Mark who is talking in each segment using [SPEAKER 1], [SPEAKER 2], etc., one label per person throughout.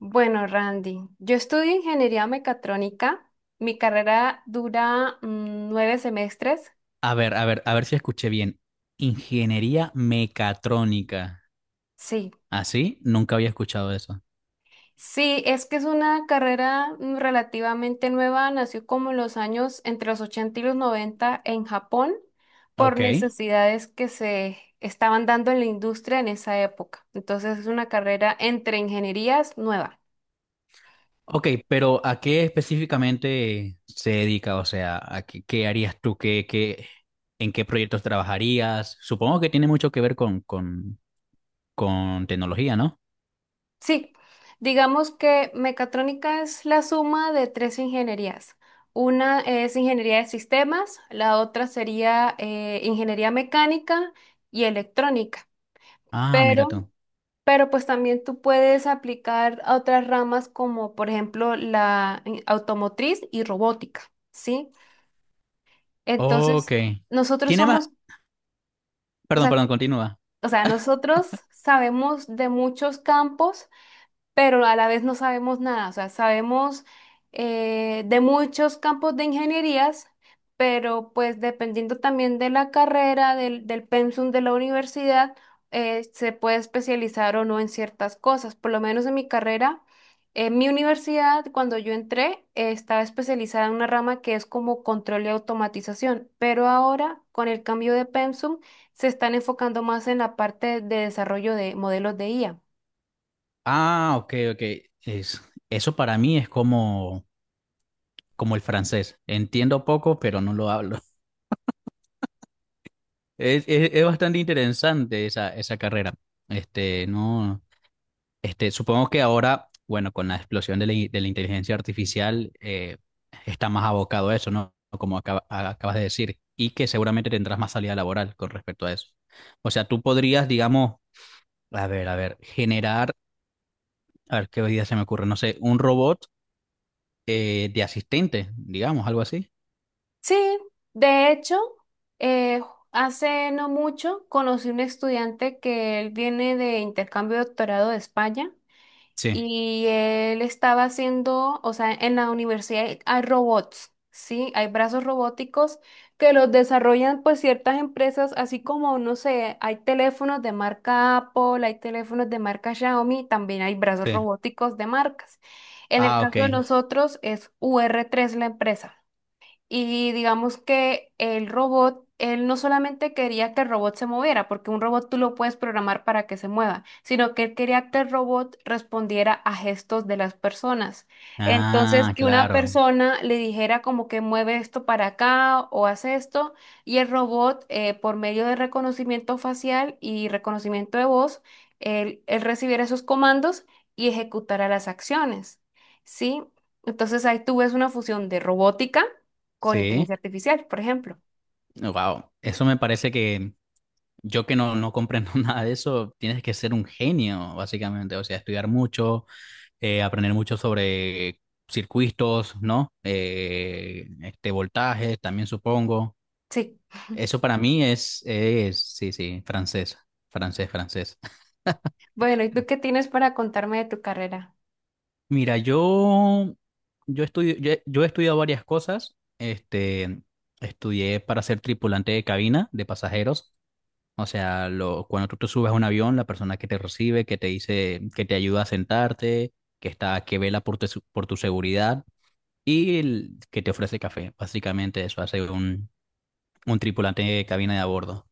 [SPEAKER 1] Bueno, Randy, yo estudio ingeniería mecatrónica. Mi carrera dura nueve semestres.
[SPEAKER 2] A ver, a ver, a ver si escuché bien. Ingeniería mecatrónica.
[SPEAKER 1] Sí,
[SPEAKER 2] ¿Así? Nunca había escuchado eso.
[SPEAKER 1] sí, es que es una carrera relativamente nueva. Nació como en los años entre los 80 y los 90 en Japón por
[SPEAKER 2] Ok.
[SPEAKER 1] necesidades que se estaban dando en la industria en esa época. Entonces es una carrera entre ingenierías nueva.
[SPEAKER 2] Ok, pero ¿a qué específicamente se dedica? O sea, ¿qué harías tú? ¿En qué proyectos trabajarías? Supongo que tiene mucho que ver con, con tecnología, ¿no?
[SPEAKER 1] Sí, digamos que mecatrónica es la suma de tres ingenierías. Una es ingeniería de sistemas, la otra sería ingeniería mecánica y electrónica.
[SPEAKER 2] Ah, mira
[SPEAKER 1] Pero,
[SPEAKER 2] tú.
[SPEAKER 1] pero pues también tú puedes aplicar a otras ramas como por ejemplo la automotriz y robótica, ¿sí?
[SPEAKER 2] Ok.
[SPEAKER 1] Entonces, nosotros
[SPEAKER 2] Tiene más...
[SPEAKER 1] somos, o
[SPEAKER 2] Perdón,
[SPEAKER 1] sea,
[SPEAKER 2] perdón, continúa.
[SPEAKER 1] o sea, nosotros sabemos de muchos campos pero a la vez no sabemos nada. O sea, sabemos de muchos campos de ingenierías, pero pues dependiendo también de la carrera, del pensum de la universidad, se puede especializar o no en ciertas cosas. Por lo menos en mi carrera, en mi universidad, cuando yo entré, estaba especializada en una rama que es como control y automatización, pero ahora con el cambio de pensum se están enfocando más en la parte de desarrollo de modelos de IA.
[SPEAKER 2] Ah, ok, ok. Es, eso para mí es como el francés. Entiendo poco, pero no lo hablo. Es bastante interesante esa carrera. No, supongo que ahora, bueno, con la explosión de la inteligencia artificial, está más abocado a eso, ¿no? Como acabas de decir, y que seguramente tendrás más salida laboral con respecto a eso. O sea, tú podrías, digamos, a ver, generar, a ver qué idea se me ocurre, no sé, un robot de asistente, digamos, algo así.
[SPEAKER 1] Sí, de hecho, eh, hace no mucho conocí un estudiante que él viene de intercambio de doctorado de España
[SPEAKER 2] Sí,
[SPEAKER 1] y él estaba haciendo, o sea, en la universidad hay robots, ¿sí? Hay brazos robóticos que los desarrollan pues ciertas empresas, así como, no sé, hay teléfonos de marca Apple, hay teléfonos de marca Xiaomi, también hay brazos
[SPEAKER 2] sí.
[SPEAKER 1] robóticos de marcas. En el
[SPEAKER 2] Ah, ok.
[SPEAKER 1] caso de nosotros es ur tres la empresa. Y digamos que el robot, él no solamente quería que el robot se moviera, porque un robot tú lo puedes programar para que se mueva, sino que él quería que el robot respondiera a gestos de las personas. Entonces,
[SPEAKER 2] Ah,
[SPEAKER 1] que una
[SPEAKER 2] claro.
[SPEAKER 1] persona le dijera como que mueve esto para acá o hace esto, y el robot, por medio de reconocimiento facial y reconocimiento de voz, él recibiera esos comandos y ejecutara las acciones. ¿Sí? Entonces ahí tú ves una fusión de robótica con
[SPEAKER 2] Sí.
[SPEAKER 1] inteligencia artificial, por ejemplo.
[SPEAKER 2] Wow, eso me parece que yo que no comprendo nada de eso, tienes que ser un genio, básicamente. O sea, estudiar mucho, aprender mucho sobre circuitos, ¿no? Voltajes, también supongo.
[SPEAKER 1] Sí.
[SPEAKER 2] Eso para mí es, sí, sí, francés, francés, francés.
[SPEAKER 1] Bueno, ¿y tú qué tienes para contarme de tu carrera?
[SPEAKER 2] Mira, yo he estudiado varias cosas. Estudié para ser tripulante de cabina de pasajeros. O sea, cuando tú te subes a un avión, la persona que te recibe, que te dice, que te ayuda a sentarte, que está, que vela por tu seguridad, y el que te ofrece café. Básicamente eso hace un tripulante de cabina de a bordo.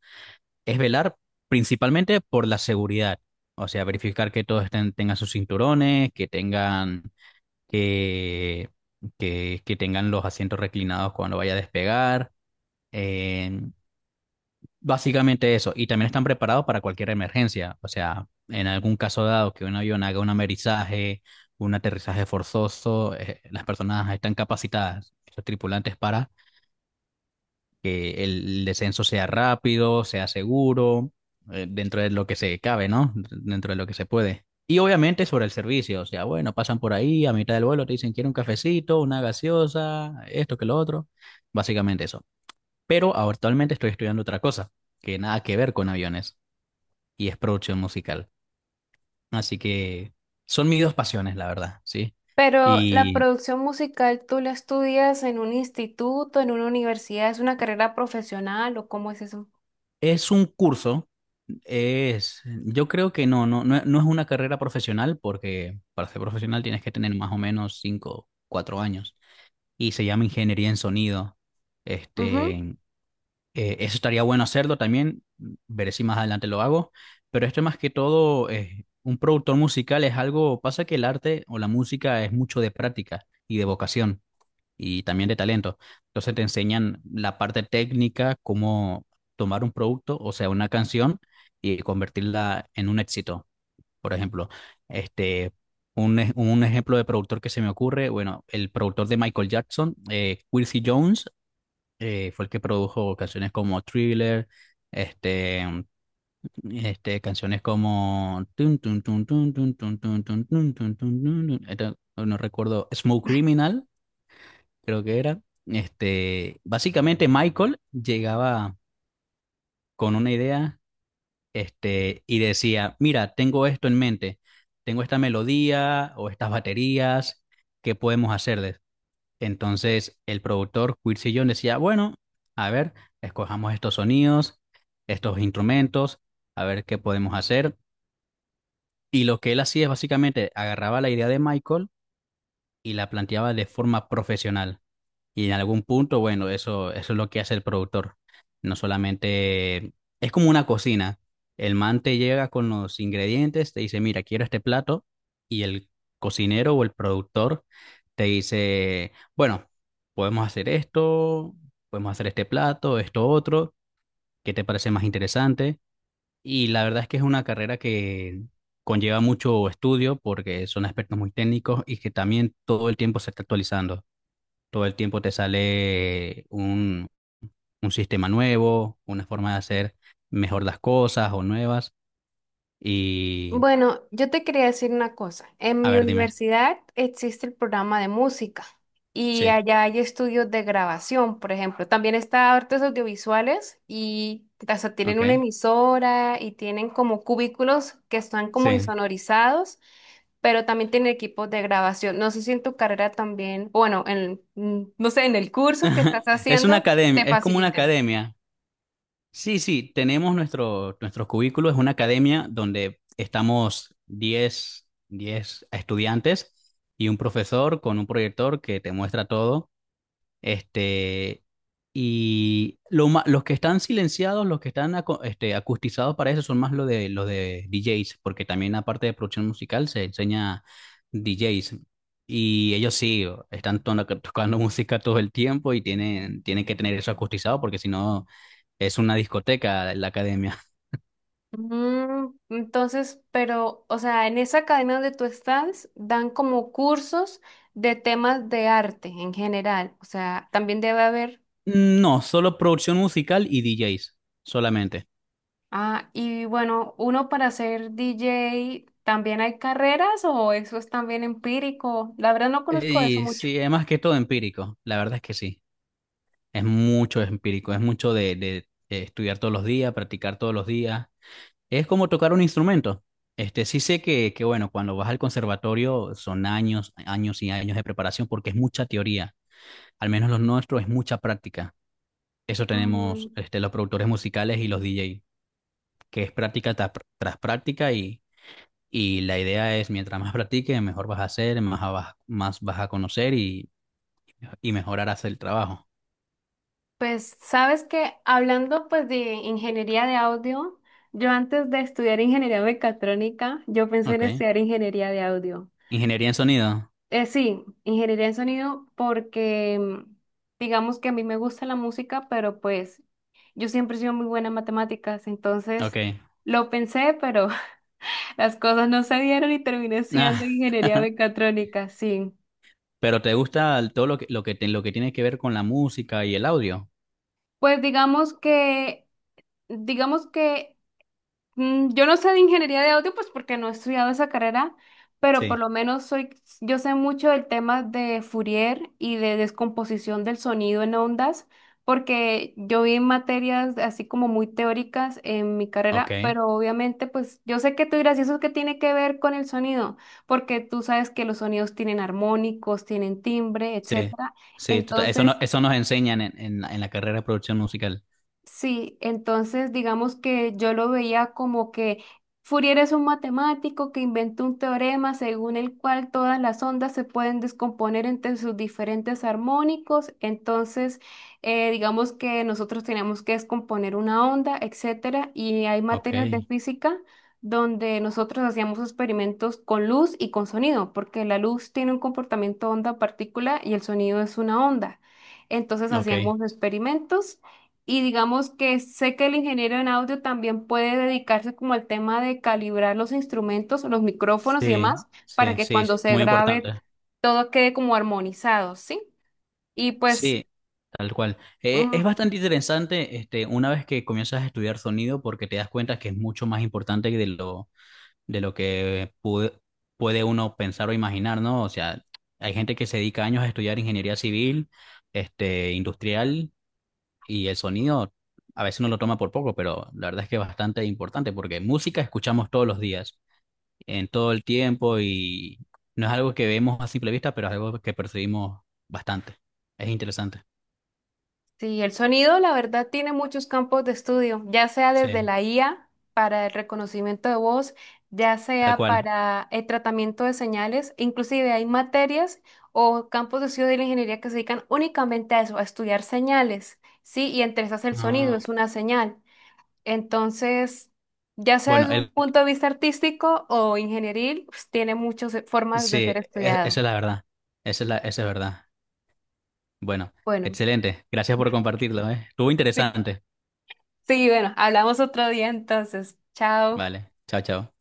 [SPEAKER 2] Es velar principalmente por la seguridad. O sea, verificar que todos estén, tengan sus cinturones, que, que tengan los asientos reclinados cuando vaya a despegar. eh, Básicamente eso, y también están preparados para cualquier emergencia. O sea, en algún caso dado que un avión haga un amerizaje, un aterrizaje forzoso, las personas están capacitadas, los tripulantes, para que el descenso sea rápido, sea seguro, dentro de lo que se cabe, ¿no? Dentro de lo que se puede. Y obviamente sobre el servicio. O sea, bueno, pasan por ahí a mitad del vuelo, te dicen, quiero un cafecito, una gaseosa, esto que lo otro, básicamente eso. Pero actualmente estoy estudiando otra cosa, que nada que ver con aviones, y es producción musical. Así que son mis dos pasiones, la verdad, ¿sí?
[SPEAKER 1] Pero la
[SPEAKER 2] Y
[SPEAKER 1] producción musical, ¿tú la estudias en un instituto, en una universidad? ¿Es una carrera profesional o cómo es eso?
[SPEAKER 2] es un curso. Es, yo creo que no es una carrera profesional, porque para ser profesional tienes que tener más o menos 5 4 años, y se llama ingeniería en sonido.
[SPEAKER 1] Ujú.
[SPEAKER 2] Este, eso estaría bueno hacerlo también. Veré si más adelante lo hago, pero esto más que todo, un productor musical es algo, pasa que el arte o la música es mucho de práctica y de vocación, y también de talento. Entonces te enseñan la parte técnica, cómo tomar un producto, o sea, una canción, y convertirla en un éxito. Por ejemplo, este, un ejemplo de productor que se me ocurre, bueno, el productor de Michael Jackson, Quincy Jones, fue el que produjo canciones como Thriller, este... canciones como tun, tun, tun, tun, tun, tun, tun, tun, tun, tun, tun, tun, tun, tun, no recuerdo, Smoke Criminal, creo que era. Básicamente Michael llegaba con una idea, y decía, mira, tengo esto en mente, tengo esta melodía o estas baterías, ¿qué podemos hacerles? Entonces el productor Quincy Jones decía, bueno, a ver, escojamos estos sonidos, estos instrumentos, a ver qué podemos hacer. Y lo que él hacía es básicamente agarraba la idea de Michael y la planteaba de forma profesional. Y en algún punto, bueno, eso es lo que hace el productor. No solamente es como una cocina. El man te llega con los ingredientes, te dice, mira, quiero este plato, y el cocinero o el productor te dice, bueno, podemos hacer esto, podemos hacer este plato, esto otro. ¿Qué te parece más interesante? Y la verdad es que es una carrera que conlleva mucho estudio, porque son aspectos muy técnicos y que también todo el tiempo se está actualizando. Todo el tiempo te sale un sistema nuevo, una forma de hacer mejor las cosas o nuevas. Y,
[SPEAKER 1] Bueno, yo te quería decir una cosa. En
[SPEAKER 2] a
[SPEAKER 1] mi
[SPEAKER 2] ver, dime.
[SPEAKER 1] universidad existe el programa de música y
[SPEAKER 2] Sí,
[SPEAKER 1] allá hay estudios de grabación, por ejemplo. También está artes audiovisuales y hasta tienen
[SPEAKER 2] ok.
[SPEAKER 1] una emisora y tienen como cubículos que están como
[SPEAKER 2] Sí.
[SPEAKER 1] insonorizados pero también tiene equipos de grabación. No sé si en tu carrera también, o bueno, en, no sé, en el curso que estás
[SPEAKER 2] Es una
[SPEAKER 1] haciendo,
[SPEAKER 2] academia,
[SPEAKER 1] te
[SPEAKER 2] es como una
[SPEAKER 1] facilitan.
[SPEAKER 2] academia. Sí, sí, tenemos nuestro cubículo. Es una academia donde estamos diez estudiantes y un profesor con un proyector que te muestra todo. Este, y los que están silenciados, los que están acustizados para eso son más los de DJs, porque también aparte de producción musical se enseña DJs. Y ellos sí, están tocando música todo el tiempo, y tienen que tener eso acustizado porque si no es una discoteca la academia.
[SPEAKER 1] Mm, entonces, pero, o sea, en esa academia donde tú estás, dan como cursos de temas de arte en general. O sea, también debe haber.
[SPEAKER 2] Mm, no, solo producción musical y DJs, solamente.
[SPEAKER 1] Ah, y bueno, uno para ser DJ, ¿también hay carreras o eso es también empírico? La verdad no conozco eso
[SPEAKER 2] Y
[SPEAKER 1] mucho.
[SPEAKER 2] sí, es más que todo empírico. La verdad es que sí. Es mucho empírico, es mucho de, estudiar todos los días, practicar todos los días. Es como tocar un instrumento. Sí sé que, bueno, cuando vas al conservatorio son años, años y años de preparación porque es mucha teoría. Al menos los nuestros es mucha práctica. Eso
[SPEAKER 1] Mm,
[SPEAKER 2] tenemos este, los productores musicales y los DJ, que es práctica tras, tras práctica, y la idea es, mientras más practiques, mejor vas a hacer, más vas a conocer, y mejorarás el trabajo.
[SPEAKER 1] pues sabes que hablando pues de ingeniería de audio, yo antes de estudiar ingeniería mecatrónica, yo pensé en
[SPEAKER 2] Ok.
[SPEAKER 1] estudiar ingeniería de audio.
[SPEAKER 2] Ingeniería en sonido.
[SPEAKER 1] Sí, ingeniería en sonido porque digamos que a mí me gusta la música, pero pues yo siempre he sido muy buena en matemáticas, entonces
[SPEAKER 2] Ok.
[SPEAKER 1] lo pensé, pero las cosas no se dieron y terminé estudiando ingeniería mecatrónica, sí.
[SPEAKER 2] Pero te gusta todo lo que, lo que, lo que tiene que ver con la música y el audio.
[SPEAKER 1] Pues digamos que... Mm, yo no sé de ingeniería de audio, pues porque no he estudiado esa carrera, pero por
[SPEAKER 2] Sí,
[SPEAKER 1] lo menos soy, yo sé mucho del tema de Fourier y de descomposición del sonido en ondas, porque yo vi materias así como muy teóricas en mi
[SPEAKER 2] ok,
[SPEAKER 1] carrera, pero obviamente pues yo sé que tú dirás, ¿y eso qué tiene que ver con el sonido? Porque tú sabes que los sonidos tienen armónicos, tienen timbre,
[SPEAKER 2] sí,
[SPEAKER 1] etcétera.
[SPEAKER 2] sí, eso, no,
[SPEAKER 1] Entonces...
[SPEAKER 2] eso nos enseñan en la carrera de producción musical.
[SPEAKER 1] Sí, entonces digamos que yo lo veía como que Fourier es un matemático que inventó un teorema según el cual todas las ondas se pueden descomponer entre sus diferentes armónicos. Entonces, digamos que nosotros tenemos que descomponer una onda, etcétera, y hay
[SPEAKER 2] Ok,
[SPEAKER 1] materias de física donde nosotros hacíamos experimentos con luz y con sonido, porque la luz tiene un comportamiento onda-partícula y el sonido es una onda. Entonces
[SPEAKER 2] ok,
[SPEAKER 1] hacíamos experimentos y digamos que sé que el ingeniero en audio también puede dedicarse como al tema de calibrar los instrumentos, los micrófonos y
[SPEAKER 2] sí,
[SPEAKER 1] demás, para
[SPEAKER 2] sí,
[SPEAKER 1] que
[SPEAKER 2] sí, sí,
[SPEAKER 1] cuando se
[SPEAKER 2] muy
[SPEAKER 1] grabe
[SPEAKER 2] importante.
[SPEAKER 1] todo quede como armonizado, ¿sí? Y pues
[SPEAKER 2] Sí, tal cual. Es
[SPEAKER 1] mm,
[SPEAKER 2] bastante interesante este, una vez que comienzas a estudiar sonido, porque te das cuenta que es mucho más importante de lo que puede uno pensar o imaginar, ¿no? O sea, hay gente que se dedica años a estudiar ingeniería civil, este, industrial, y el sonido a veces uno lo toma por poco, pero la verdad es que es bastante importante porque música escuchamos todos los días, en todo el tiempo, y no es algo que vemos a simple vista, pero es algo que percibimos bastante. Es interesante.
[SPEAKER 1] sí, el sonido, la verdad, tiene muchos campos de estudio, ya sea
[SPEAKER 2] Sí,
[SPEAKER 1] desde la IA para el reconocimiento de voz, ya
[SPEAKER 2] tal
[SPEAKER 1] sea
[SPEAKER 2] cual.
[SPEAKER 1] para el tratamiento de señales, inclusive hay materias o campos de estudio de la ingeniería que se dedican únicamente a eso, a estudiar señales, ¿sí? Y entre esas el sonido
[SPEAKER 2] Ah,
[SPEAKER 1] es una señal. Entonces, ya sea
[SPEAKER 2] bueno,
[SPEAKER 1] desde un punto de vista artístico o ingenieril, pues, tiene muchas formas de
[SPEAKER 2] sí,
[SPEAKER 1] ser estudiado.
[SPEAKER 2] esa es la verdad. Esa es la, esa es verdad. Bueno,
[SPEAKER 1] Bueno,
[SPEAKER 2] excelente. Gracias por compartirlo, ¿eh? Estuvo
[SPEAKER 1] sí,
[SPEAKER 2] interesante.
[SPEAKER 1] sí, bueno, hablamos otro día entonces. Chao.
[SPEAKER 2] Vale, chao, chao.